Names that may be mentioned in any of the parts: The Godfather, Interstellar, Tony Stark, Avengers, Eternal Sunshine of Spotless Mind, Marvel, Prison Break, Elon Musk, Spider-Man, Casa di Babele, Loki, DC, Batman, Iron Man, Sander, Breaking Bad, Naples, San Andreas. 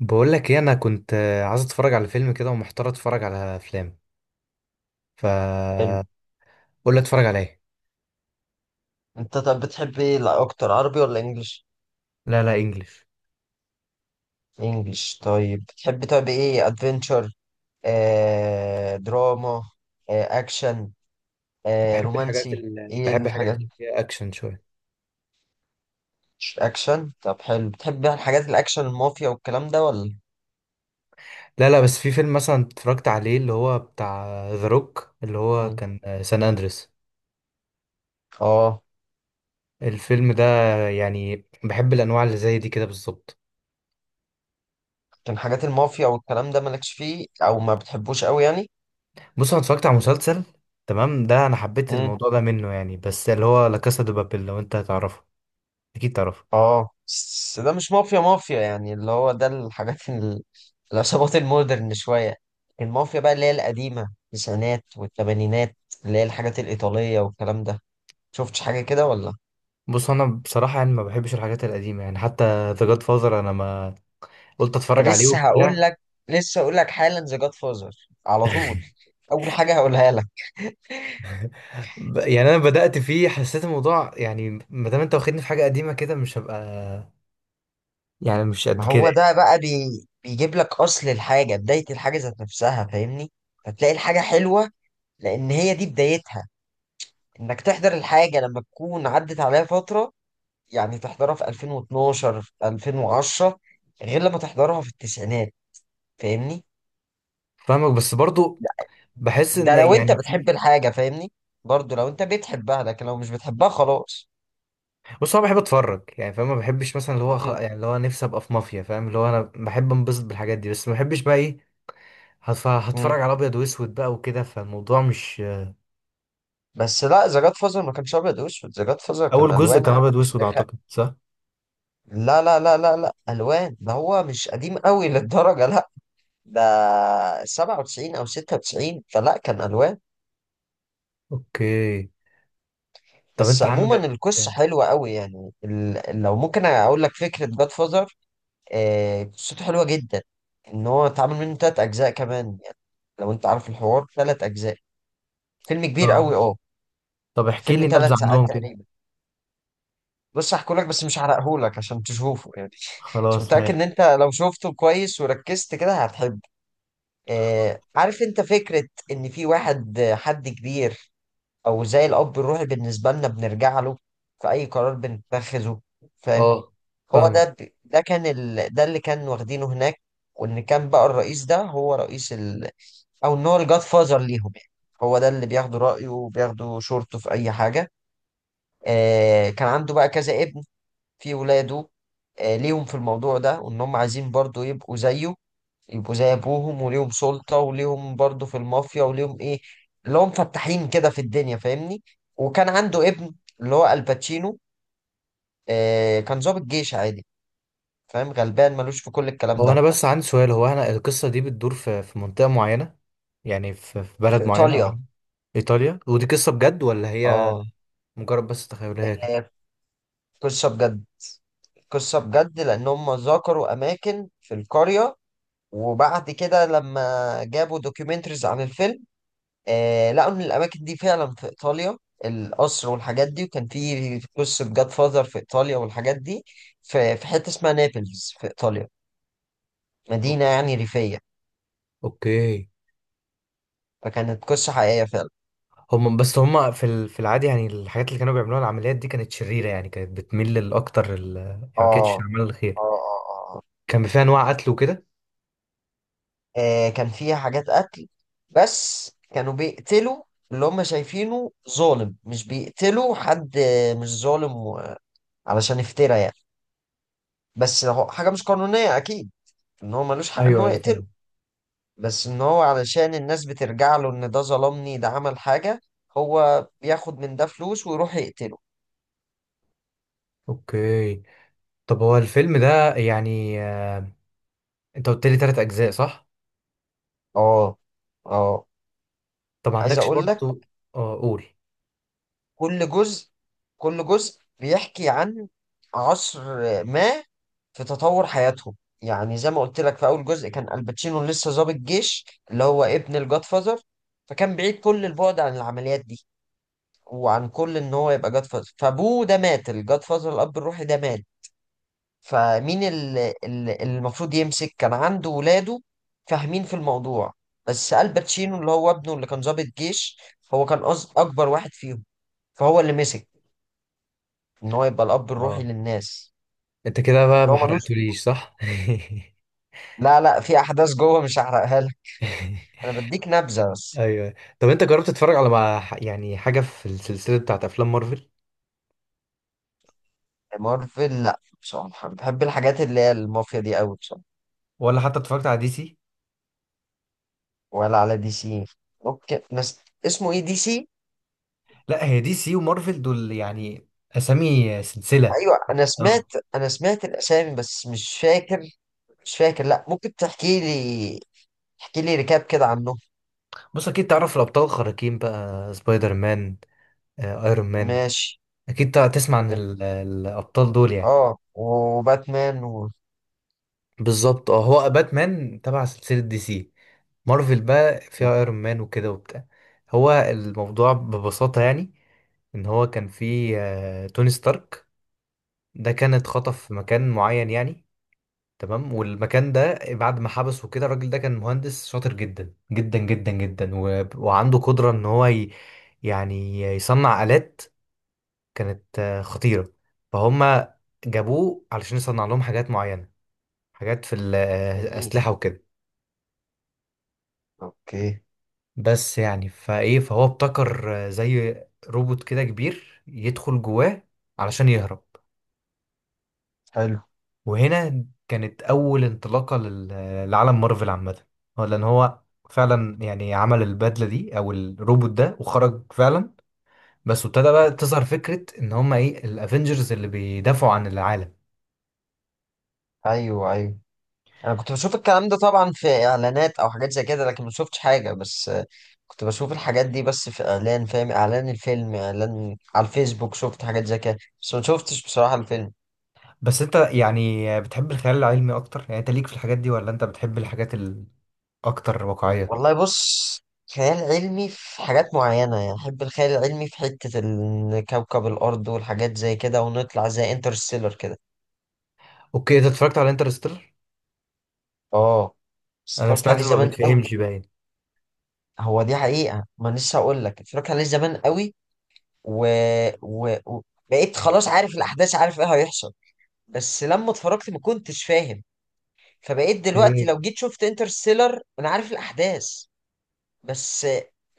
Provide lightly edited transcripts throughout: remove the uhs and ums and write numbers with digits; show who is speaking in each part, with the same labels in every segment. Speaker 1: بقول لك ايه؟ انا كنت عايز اتفرج على فيلم كده ومحتار اتفرج على افلام. ف
Speaker 2: حلو.
Speaker 1: قول لي اتفرج على ايه.
Speaker 2: انت طب بتحب ايه، لا اكتر عربي ولا انجليش؟
Speaker 1: لا لا، انجلش.
Speaker 2: انجليش، طيب بتحب طب ايه، ادفنتشر؟ آه دراما؟ آه اكشن؟ آه
Speaker 1: بحب الحاجات
Speaker 2: رومانسي؟
Speaker 1: اللي
Speaker 2: ايه
Speaker 1: بحب الحاجات
Speaker 2: الحاجات؟
Speaker 1: اللي فيها اكشن شويه.
Speaker 2: اكشن، طب حلو. بتحب بقى الحاجات الاكشن المافيا والكلام ده ولا؟
Speaker 1: لا لا، بس في فيلم مثلا اتفرجت عليه، اللي هو بتاع ذا روك، اللي هو
Speaker 2: مم.
Speaker 1: كان سان اندريس.
Speaker 2: اه.
Speaker 1: الفيلم ده، يعني بحب الانواع اللي زي دي كده بالظبط.
Speaker 2: كان حاجات المافيا والكلام ده مالكش فيه او ما بتحبوش قوي يعني؟
Speaker 1: بص، انا اتفرجت على مسلسل تمام ده، انا حبيت الموضوع ده منه يعني، بس اللي هو لا كاسا دي بابيل. لو انت هتعرفه، اكيد تعرفه.
Speaker 2: اه بس ده مش مافيا مافيا، يعني اللي هو ده الحاجات العصابات المودرن شوية. المافيا بقى اللي هي القديمة، التسعينات والثمانينات، اللي هي الحاجات الإيطالية والكلام ده. شفتش حاجة كده ولا؟
Speaker 1: بص، انا بصراحه يعني ما بحبش الحاجات القديمه يعني. حتى ذا جاد فازر، انا ما قلت اتفرج
Speaker 2: أنا
Speaker 1: عليه
Speaker 2: لسه هقول
Speaker 1: وبتاع.
Speaker 2: لك، لسه هقول لك حالا ذا جاد فازر على طول، أول حاجة هقولها لك.
Speaker 1: يعني انا بدات فيه، حسيت الموضوع يعني، ما دام انت واخدني في حاجه قديمه كده، مش هبقى يعني، مش
Speaker 2: ما
Speaker 1: قد كده
Speaker 2: هو
Speaker 1: يعني.
Speaker 2: ده بقى بيجيب لك أصل الحاجة، بداية الحاجة ذات نفسها، فاهمني. فتلاقي الحاجة حلوة لأن هي دي بدايتها. إنك تحضر الحاجة لما تكون عدت عليها فترة، يعني تحضرها في 2012 في 2010، غير لما تحضرها في التسعينات، فاهمني.
Speaker 1: فاهمك، بس برضو بحس
Speaker 2: ده
Speaker 1: ان
Speaker 2: لو انت
Speaker 1: يعني
Speaker 2: بتحب
Speaker 1: في.
Speaker 2: الحاجة، فاهمني، برضو لو انت بتحبها، لكن لو مش بتحبها خلاص.
Speaker 1: بص، انا بحب اتفرج يعني، فاهم؟ ما بحبش مثلا اللي هو
Speaker 2: مم.
Speaker 1: يعني اللي هو نفسي ابقى في مافيا، فاهم؟ اللي هو انا بحب انبسط بالحاجات دي، بس ما بحبش بقى ايه، هتفرج
Speaker 2: مم.
Speaker 1: على ابيض واسود بقى وكده، فالموضوع مش.
Speaker 2: بس لا، ذا جاد فازر ما كانش ابيض واسود، ذا جاد فازر كان
Speaker 1: اول جزء
Speaker 2: الوان
Speaker 1: كان
Speaker 2: عادي،
Speaker 1: ابيض
Speaker 2: بس
Speaker 1: واسود، اعتقد، صح؟
Speaker 2: لا لا لا لا لا، الوان. ده هو مش قديم قوي للدرجة، لا. ده 97 او 96، فلا كان الوان.
Speaker 1: اوكي. طب
Speaker 2: بس
Speaker 1: انت
Speaker 2: عموما
Speaker 1: عندك؟
Speaker 2: القصة حلوة قوي، يعني لو ممكن اقول لك فكرة جاد فازر. قصته حلوة جدا. ان هو اتعمل منه تلات اجزاء كمان يعني، لو انت عارف، الحوار تلات اجزاء. فيلم كبير
Speaker 1: اه.
Speaker 2: قوي، اه.
Speaker 1: طب احكي
Speaker 2: فيلم
Speaker 1: لي نبذة
Speaker 2: تلات ساعات
Speaker 1: عنهم كده.
Speaker 2: تقريبا. بص هحكوا لك بس مش هحرقهولك عشان تشوفه يعني. مش
Speaker 1: خلاص
Speaker 2: متأكد ان
Speaker 1: ماشي.
Speaker 2: انت لو شفته كويس وركزت كده هتحب. آه عارف انت فكرة ان في واحد، حد كبير، او زي الاب الروحي بالنسبة لنا بنرجع له في اي قرار بنتخذه، فاهم؟
Speaker 1: اه،
Speaker 2: هو
Speaker 1: فاهمك.
Speaker 2: ده. ده كان ده اللي كان واخدينه هناك، وان كان بقى الرئيس ده هو رئيس او ان هو الجاد فازر ليهم يعني. هو ده اللي بياخدوا رايه وبياخدوا شورته في اي حاجه. آه كان عنده بقى كذا ابن، في ولاده، ليهم في الموضوع ده، وان هم عايزين برضو يبقوا زيه، يبقوا زي ابوهم وليهم سلطه وليهم برضو في المافيا وليهم ايه، اللي هم فتاحين كده في الدنيا، فاهمني. وكان عنده ابن، اللي هو الباتشينو، آه كان ضابط جيش عادي، فاهم، غلبان ملوش في كل الكلام
Speaker 1: هو انا
Speaker 2: ده.
Speaker 1: بس عندي سؤال، هو انا القصة دي بتدور في منطقة معينة يعني، في بلد
Speaker 2: في
Speaker 1: معينة، أو
Speaker 2: ايطاليا.
Speaker 1: ايطاليا؟ ودي قصة بجد ولا هي
Speaker 2: اه.
Speaker 1: مجرد بس تخيلية كده؟
Speaker 2: آه، قصه بجد. قصة بجد، لأن هم ذكروا أماكن في القرية، وبعد كده لما جابوا دوكيومنتريز عن الفيلم، آه لقوا إن الأماكن دي فعلا في إيطاليا، القصر والحاجات دي، وكان في قصة جاد فاذر في إيطاليا والحاجات دي، في حتة اسمها نابلز في إيطاليا،
Speaker 1: أو-
Speaker 2: مدينة يعني ريفية.
Speaker 1: اوكي.
Speaker 2: فكانت قصة حقيقية فعلا.
Speaker 1: هم، بس هم في العادي يعني، الحاجات اللي كانوا بيعملوها، العمليات دي كانت شريرة يعني، كانت بتميل للاكتر يعني ما كانتش
Speaker 2: آه
Speaker 1: اعمال
Speaker 2: آه
Speaker 1: الخير.
Speaker 2: آه آه.
Speaker 1: كان فيها انواع قتل وكده.
Speaker 2: كان فيها حاجات قتل، بس كانوا بيقتلوا اللي هم شايفينه ظالم، مش بيقتلوا حد مش ظالم، علشان يفترى يعني. بس هو حاجة مش قانونية أكيد، إن هو ملوش حق إن
Speaker 1: ايوه
Speaker 2: هو
Speaker 1: ايوه،
Speaker 2: يقتله.
Speaker 1: فاهم.
Speaker 2: بس إن هو علشان الناس بترجع له إن ده ظلمني ده عمل حاجة، هو بياخد من ده فلوس ويروح يقتله.
Speaker 1: اوكي. طب هو الفيلم ده يعني، انت قلت لي 3 اجزاء، صح؟
Speaker 2: آه. آه.
Speaker 1: طب ما
Speaker 2: عايز
Speaker 1: عندكش
Speaker 2: أقول لك،
Speaker 1: برضو؟ اه، قول.
Speaker 2: كل جزء، كل جزء بيحكي عن عصر ما في تطور حياتهم. يعني زي ما قلت لك، في أول جزء كان الباتشينو لسه ضابط جيش، اللي هو ابن الجاد فازر، فكان بعيد كل البعد عن العمليات دي، وعن كل ان هو يبقى جاد فازر. فابوه ده مات، الجاد فازر الاب الروحي ده مات، فمين اللي المفروض يمسك؟ كان عنده ولاده فاهمين في الموضوع، بس الباتشينو اللي هو ابنه، اللي كان ضابط جيش، هو كان اكبر واحد فيهم، فهو اللي مسك ان هو يبقى الاب الروحي
Speaker 1: اه،
Speaker 2: للناس.
Speaker 1: انت كده بقى
Speaker 2: اللي
Speaker 1: ما
Speaker 2: هو ملوش.
Speaker 1: حرقتوليش، صح؟
Speaker 2: لا لا، في احداث جوه مش هحرقها لك، انا بديك نبذه بس.
Speaker 1: ايوه. طب انت جربت تتفرج على، مع يعني حاجه في السلسله بتاعت افلام مارفل؟
Speaker 2: مارفل لا، بصراحه بحب الحاجات اللي هي المافيا دي قوي بصراحه.
Speaker 1: ولا حتى اتفرجت على دي سي؟
Speaker 2: ولا على دي سي. اوكي بس اسمه ايه دي سي؟
Speaker 1: لا، هي دي سي ومارفل دول يعني اسامي سلسله.
Speaker 2: ايوه انا سمعت،
Speaker 1: اه.
Speaker 2: انا سمعت الاسامي بس مش فاكر، مش فاكر، لا ممكن تحكي لي، تحكي لي ركاب كده عنه.
Speaker 1: بص، اكيد تعرف الابطال الخارقين بقى، سبايدر مان، ايرون مان.
Speaker 2: ماشي.
Speaker 1: اكيد تسمع عن
Speaker 2: ماشي.
Speaker 1: الابطال دول يعني.
Speaker 2: اه، وباتمان
Speaker 1: بالظبط اه، هو باتمان تبع سلسله دي سي، مارفل بقى فيها ايرون مان وكده وبتاع. هو الموضوع ببساطة يعني، ان هو كان في توني ستارك، ده كان اتخطف في مكان معين يعني. تمام، والمكان ده بعد ما حبسه كده، الراجل ده كان مهندس شاطر جدا جدا جدا جدا، وعنده قدرة ان هو يعني يصنع آلات كانت خطيرة. فهم جابوه علشان يصنع لهم حاجات معينة، حاجات في
Speaker 2: جميل.
Speaker 1: الأسلحة وكده.
Speaker 2: اوكي.
Speaker 1: بس يعني فايه، فهو ابتكر زي روبوت كده كبير، يدخل جواه علشان يهرب.
Speaker 2: حلو.
Speaker 1: وهنا كانت اول انطلاقه لعالم مارفل عامه. هو لان هو فعلا يعني عمل البدله دي او الروبوت ده، وخرج فعلا. بس ابتدى بقى تظهر فكره ان هما ايه، الافنجرز اللي بيدافعوا عن العالم.
Speaker 2: ايوه ايوه، انا كنت بشوف الكلام ده طبعا في اعلانات او حاجات زي كده، لكن ما شفتش حاجه، بس كنت بشوف الحاجات دي بس في اعلان، فاهم، اعلان الفيلم، اعلان على الفيسبوك، شفت حاجات زي كده بس ما شفتش بصراحه الفيلم.
Speaker 1: بس انت يعني بتحب الخيال العلمي اكتر يعني، انت ليك في الحاجات دي، ولا انت بتحب الحاجات الاكتر واقعيه؟
Speaker 2: والله بص، خيال علمي في حاجات معينة يعني، أحب الخيال العلمي في حتة كوكب الأرض والحاجات زي كده، ونطلع زي انترستيلر كده.
Speaker 1: اوكي. انت اتفرجت على انترستيلر؟
Speaker 2: اه بس
Speaker 1: انا
Speaker 2: اتفرجت
Speaker 1: سمعت
Speaker 2: عليه
Speaker 1: انه ما
Speaker 2: زمان قوي.
Speaker 1: بيتفهمش باين.
Speaker 2: هو دي حقيقة، ما أنا لسه هقول لك اتفرجت عليه زمان قوي، و... و... و... بقيت خلاص عارف الأحداث، عارف إيه هيحصل. بس لما اتفرجت ما كنتش فاهم، فبقيت دلوقتي
Speaker 1: ايه.
Speaker 2: لو جيت شفت انترستيلر أنا عارف الأحداث. بس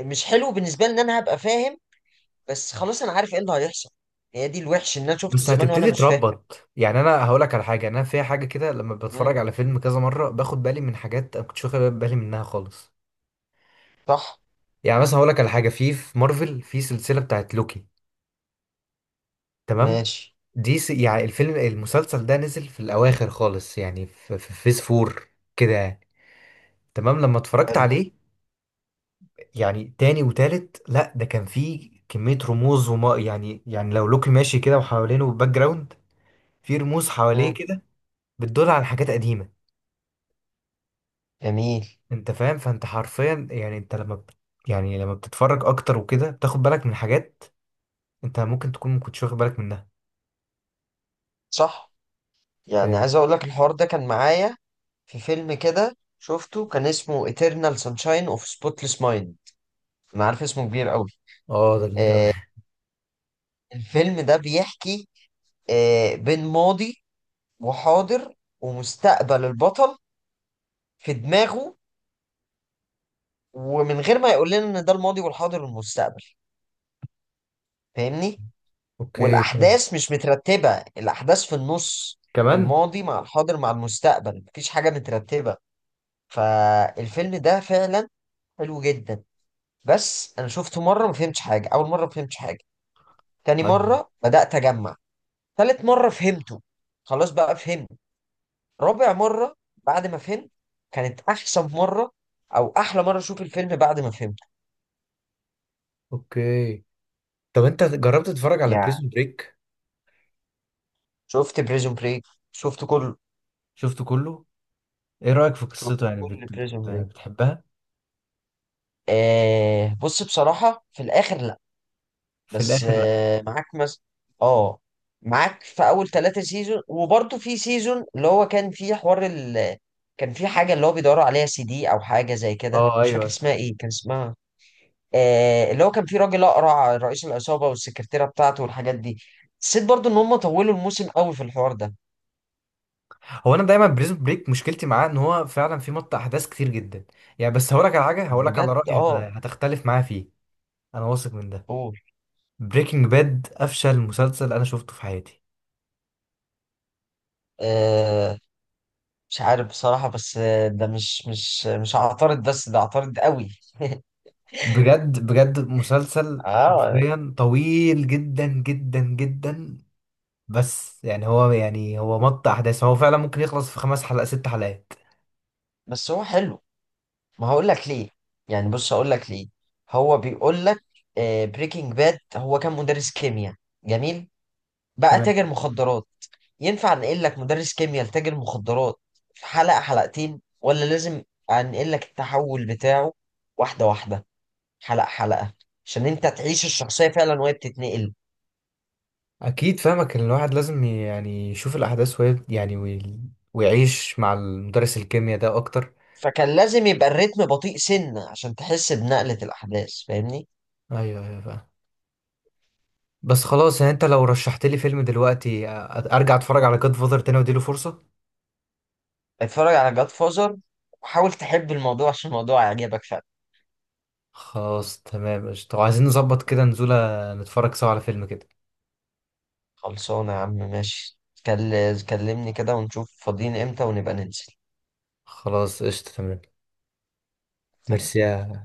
Speaker 2: مش حلو بالنسبة لي إن أنا هبقى فاهم، بس خلاص انا عارف ايه اللي هيحصل. هي دي الوحش، ان انا شفته
Speaker 1: بس
Speaker 2: زمان وانا
Speaker 1: هتبتدي
Speaker 2: مش فاهم.
Speaker 1: تربط يعني. انا هقول لك على حاجه، انا في حاجه كده لما
Speaker 2: مم.
Speaker 1: بتفرج على فيلم كذا مره، باخد بالي من حاجات انا كنتش واخد بالي منها خالص.
Speaker 2: صح.
Speaker 1: يعني مثلا هقول لك على حاجه، في مارفل في سلسله بتاعت لوكي، تمام.
Speaker 2: ماشي.
Speaker 1: يعني الفيلم المسلسل ده نزل في الاواخر خالص يعني، في فيز فور كده يعني. تمام، لما اتفرجت
Speaker 2: حلو.
Speaker 1: عليه يعني تاني وتالت، لا، ده كان فيه كميه رموز، وما يعني لو لوكي ماشي كده وحوالينه باك جراوند، في رموز حواليه
Speaker 2: مم.
Speaker 1: كده بتدل على حاجات قديمه.
Speaker 2: جميل.
Speaker 1: انت فاهم؟ فانت حرفيا يعني، انت لما يعني لما بتتفرج اكتر وكده، بتاخد بالك من حاجات انت ممكن تكون ما كنتش واخد بالك منها.
Speaker 2: صح. يعني
Speaker 1: فاهم.
Speaker 2: عايز اقول لك الحوار ده كان معايا في فيلم كده شفته، كان اسمه Eternal Sunshine of Spotless Mind. انا عارف اسمه كبير قوي.
Speaker 1: اه ده كبير قوي.
Speaker 2: آه، الفيلم ده بيحكي آه بين ماضي وحاضر ومستقبل البطل في دماغه، ومن غير ما يقول لنا ان ده الماضي والحاضر والمستقبل، فاهمني.
Speaker 1: اوكي، فاهم.
Speaker 2: والاحداث مش مترتبه، الاحداث في النص،
Speaker 1: كمان.
Speaker 2: الماضي مع الحاضر مع المستقبل، مفيش حاجه مترتبه. فالفيلم ده فعلا حلو جدا. بس انا شفته مره ما فهمتش حاجه، اول مره ما فهمتش حاجه، تاني
Speaker 1: طيب.
Speaker 2: مره بدات اجمع، تالت مره فهمته، خلاص بقى فهمت، رابع مره بعد ما فهمت، كانت احسن مره، او احلى مره اشوف الفيلم بعد ما فهمته.
Speaker 1: اوكي. طب انت جربت تتفرج على
Speaker 2: يعني،
Speaker 1: بريزون بريك؟
Speaker 2: شفت بريزون بريك، شفت كله.
Speaker 1: شفته كله. ايه رأيك في
Speaker 2: شفت
Speaker 1: قصته يعني،
Speaker 2: كل بريزون بريك.
Speaker 1: بتحبها؟
Speaker 2: آه بص، بصراحة في الآخر،
Speaker 1: في
Speaker 2: بس
Speaker 1: الاخر لا.
Speaker 2: معاك مثلا، اه، معاك في اول ثلاثة سيزون، وبرضه في سيزون اللي هو كان فيه حوار كان في حاجة اللي هو بيدوروا عليها، سي دي او حاجة زي كده،
Speaker 1: اه.
Speaker 2: مش فاكر
Speaker 1: ايوه.
Speaker 2: اسمها ايه كان اسمها. آه اللي هو كان في راجل اقرع رئيس العصابة، والسكرتيرة بتاعته والحاجات دي. حسيت برضه ان هم طولوا الموسم قوي في الحوار ده.
Speaker 1: هو انا دايما بريزون بريك مشكلتي معاه ان هو فعلا في مط احداث كتير جدا. يعني، بس هقولك على حاجه، هقولك على
Speaker 2: بجد،
Speaker 1: رأيي
Speaker 2: اه.
Speaker 1: هتختلف معايا فيه. انا واثق من ده.
Speaker 2: قول.
Speaker 1: بريكنج باد افشل مسلسل انا شفته في حياتي.
Speaker 2: آه، مش عارف بصراحة، بس ده مش هعترض، بس ده اعترض قوي.
Speaker 1: بجد بجد، مسلسل
Speaker 2: اه
Speaker 1: حرفيا طويل جدا جدا جدا. بس يعني هو، يعني هو مط احداث، هو فعلا ممكن يخلص في 5 حلقات 6 حلقات.
Speaker 2: بس هو حلو، ما هقول لك ليه، يعني بص هقول لك ليه. هو بيقول لك، بريكنج باد هو كان مدرس كيمياء، جميل، بقى
Speaker 1: تمام.
Speaker 2: تاجر مخدرات. ينفع انقل لك مدرس كيمياء لتاجر مخدرات في حلقة حلقتين، ولا لازم انقل لك التحول بتاعه واحدة واحدة، حلقة حلقة، عشان انت تعيش الشخصية فعلا وهي بتتنقل؟
Speaker 1: اكيد فاهمك، ان الواحد لازم يعني يشوف الاحداث وهي يعني ويعيش مع المدرس الكيمياء ده اكتر.
Speaker 2: فكان لازم يبقى الريتم بطيء سنة عشان تحس بنقلة الأحداث، فاهمني.
Speaker 1: ايوه ايوه، فاهم. بس خلاص، يعني انت لو رشحت لي فيلم دلوقتي، ارجع اتفرج على جاد فاذر تاني واديله فرصة.
Speaker 2: اتفرج على جاد فازر، وحاول تحب الموضوع عشان الموضوع يعجبك فعلا.
Speaker 1: خلاص تمام، قشطة. طب عايزين نظبط كده نزولة، نتفرج سوا على فيلم كده.
Speaker 2: خلصانة يا عم، ماشي. كلمني كده ونشوف فاضيين امتى ونبقى ننزل.
Speaker 1: خلاص قشطة، تمام.
Speaker 2: تمام.
Speaker 1: ميرسي.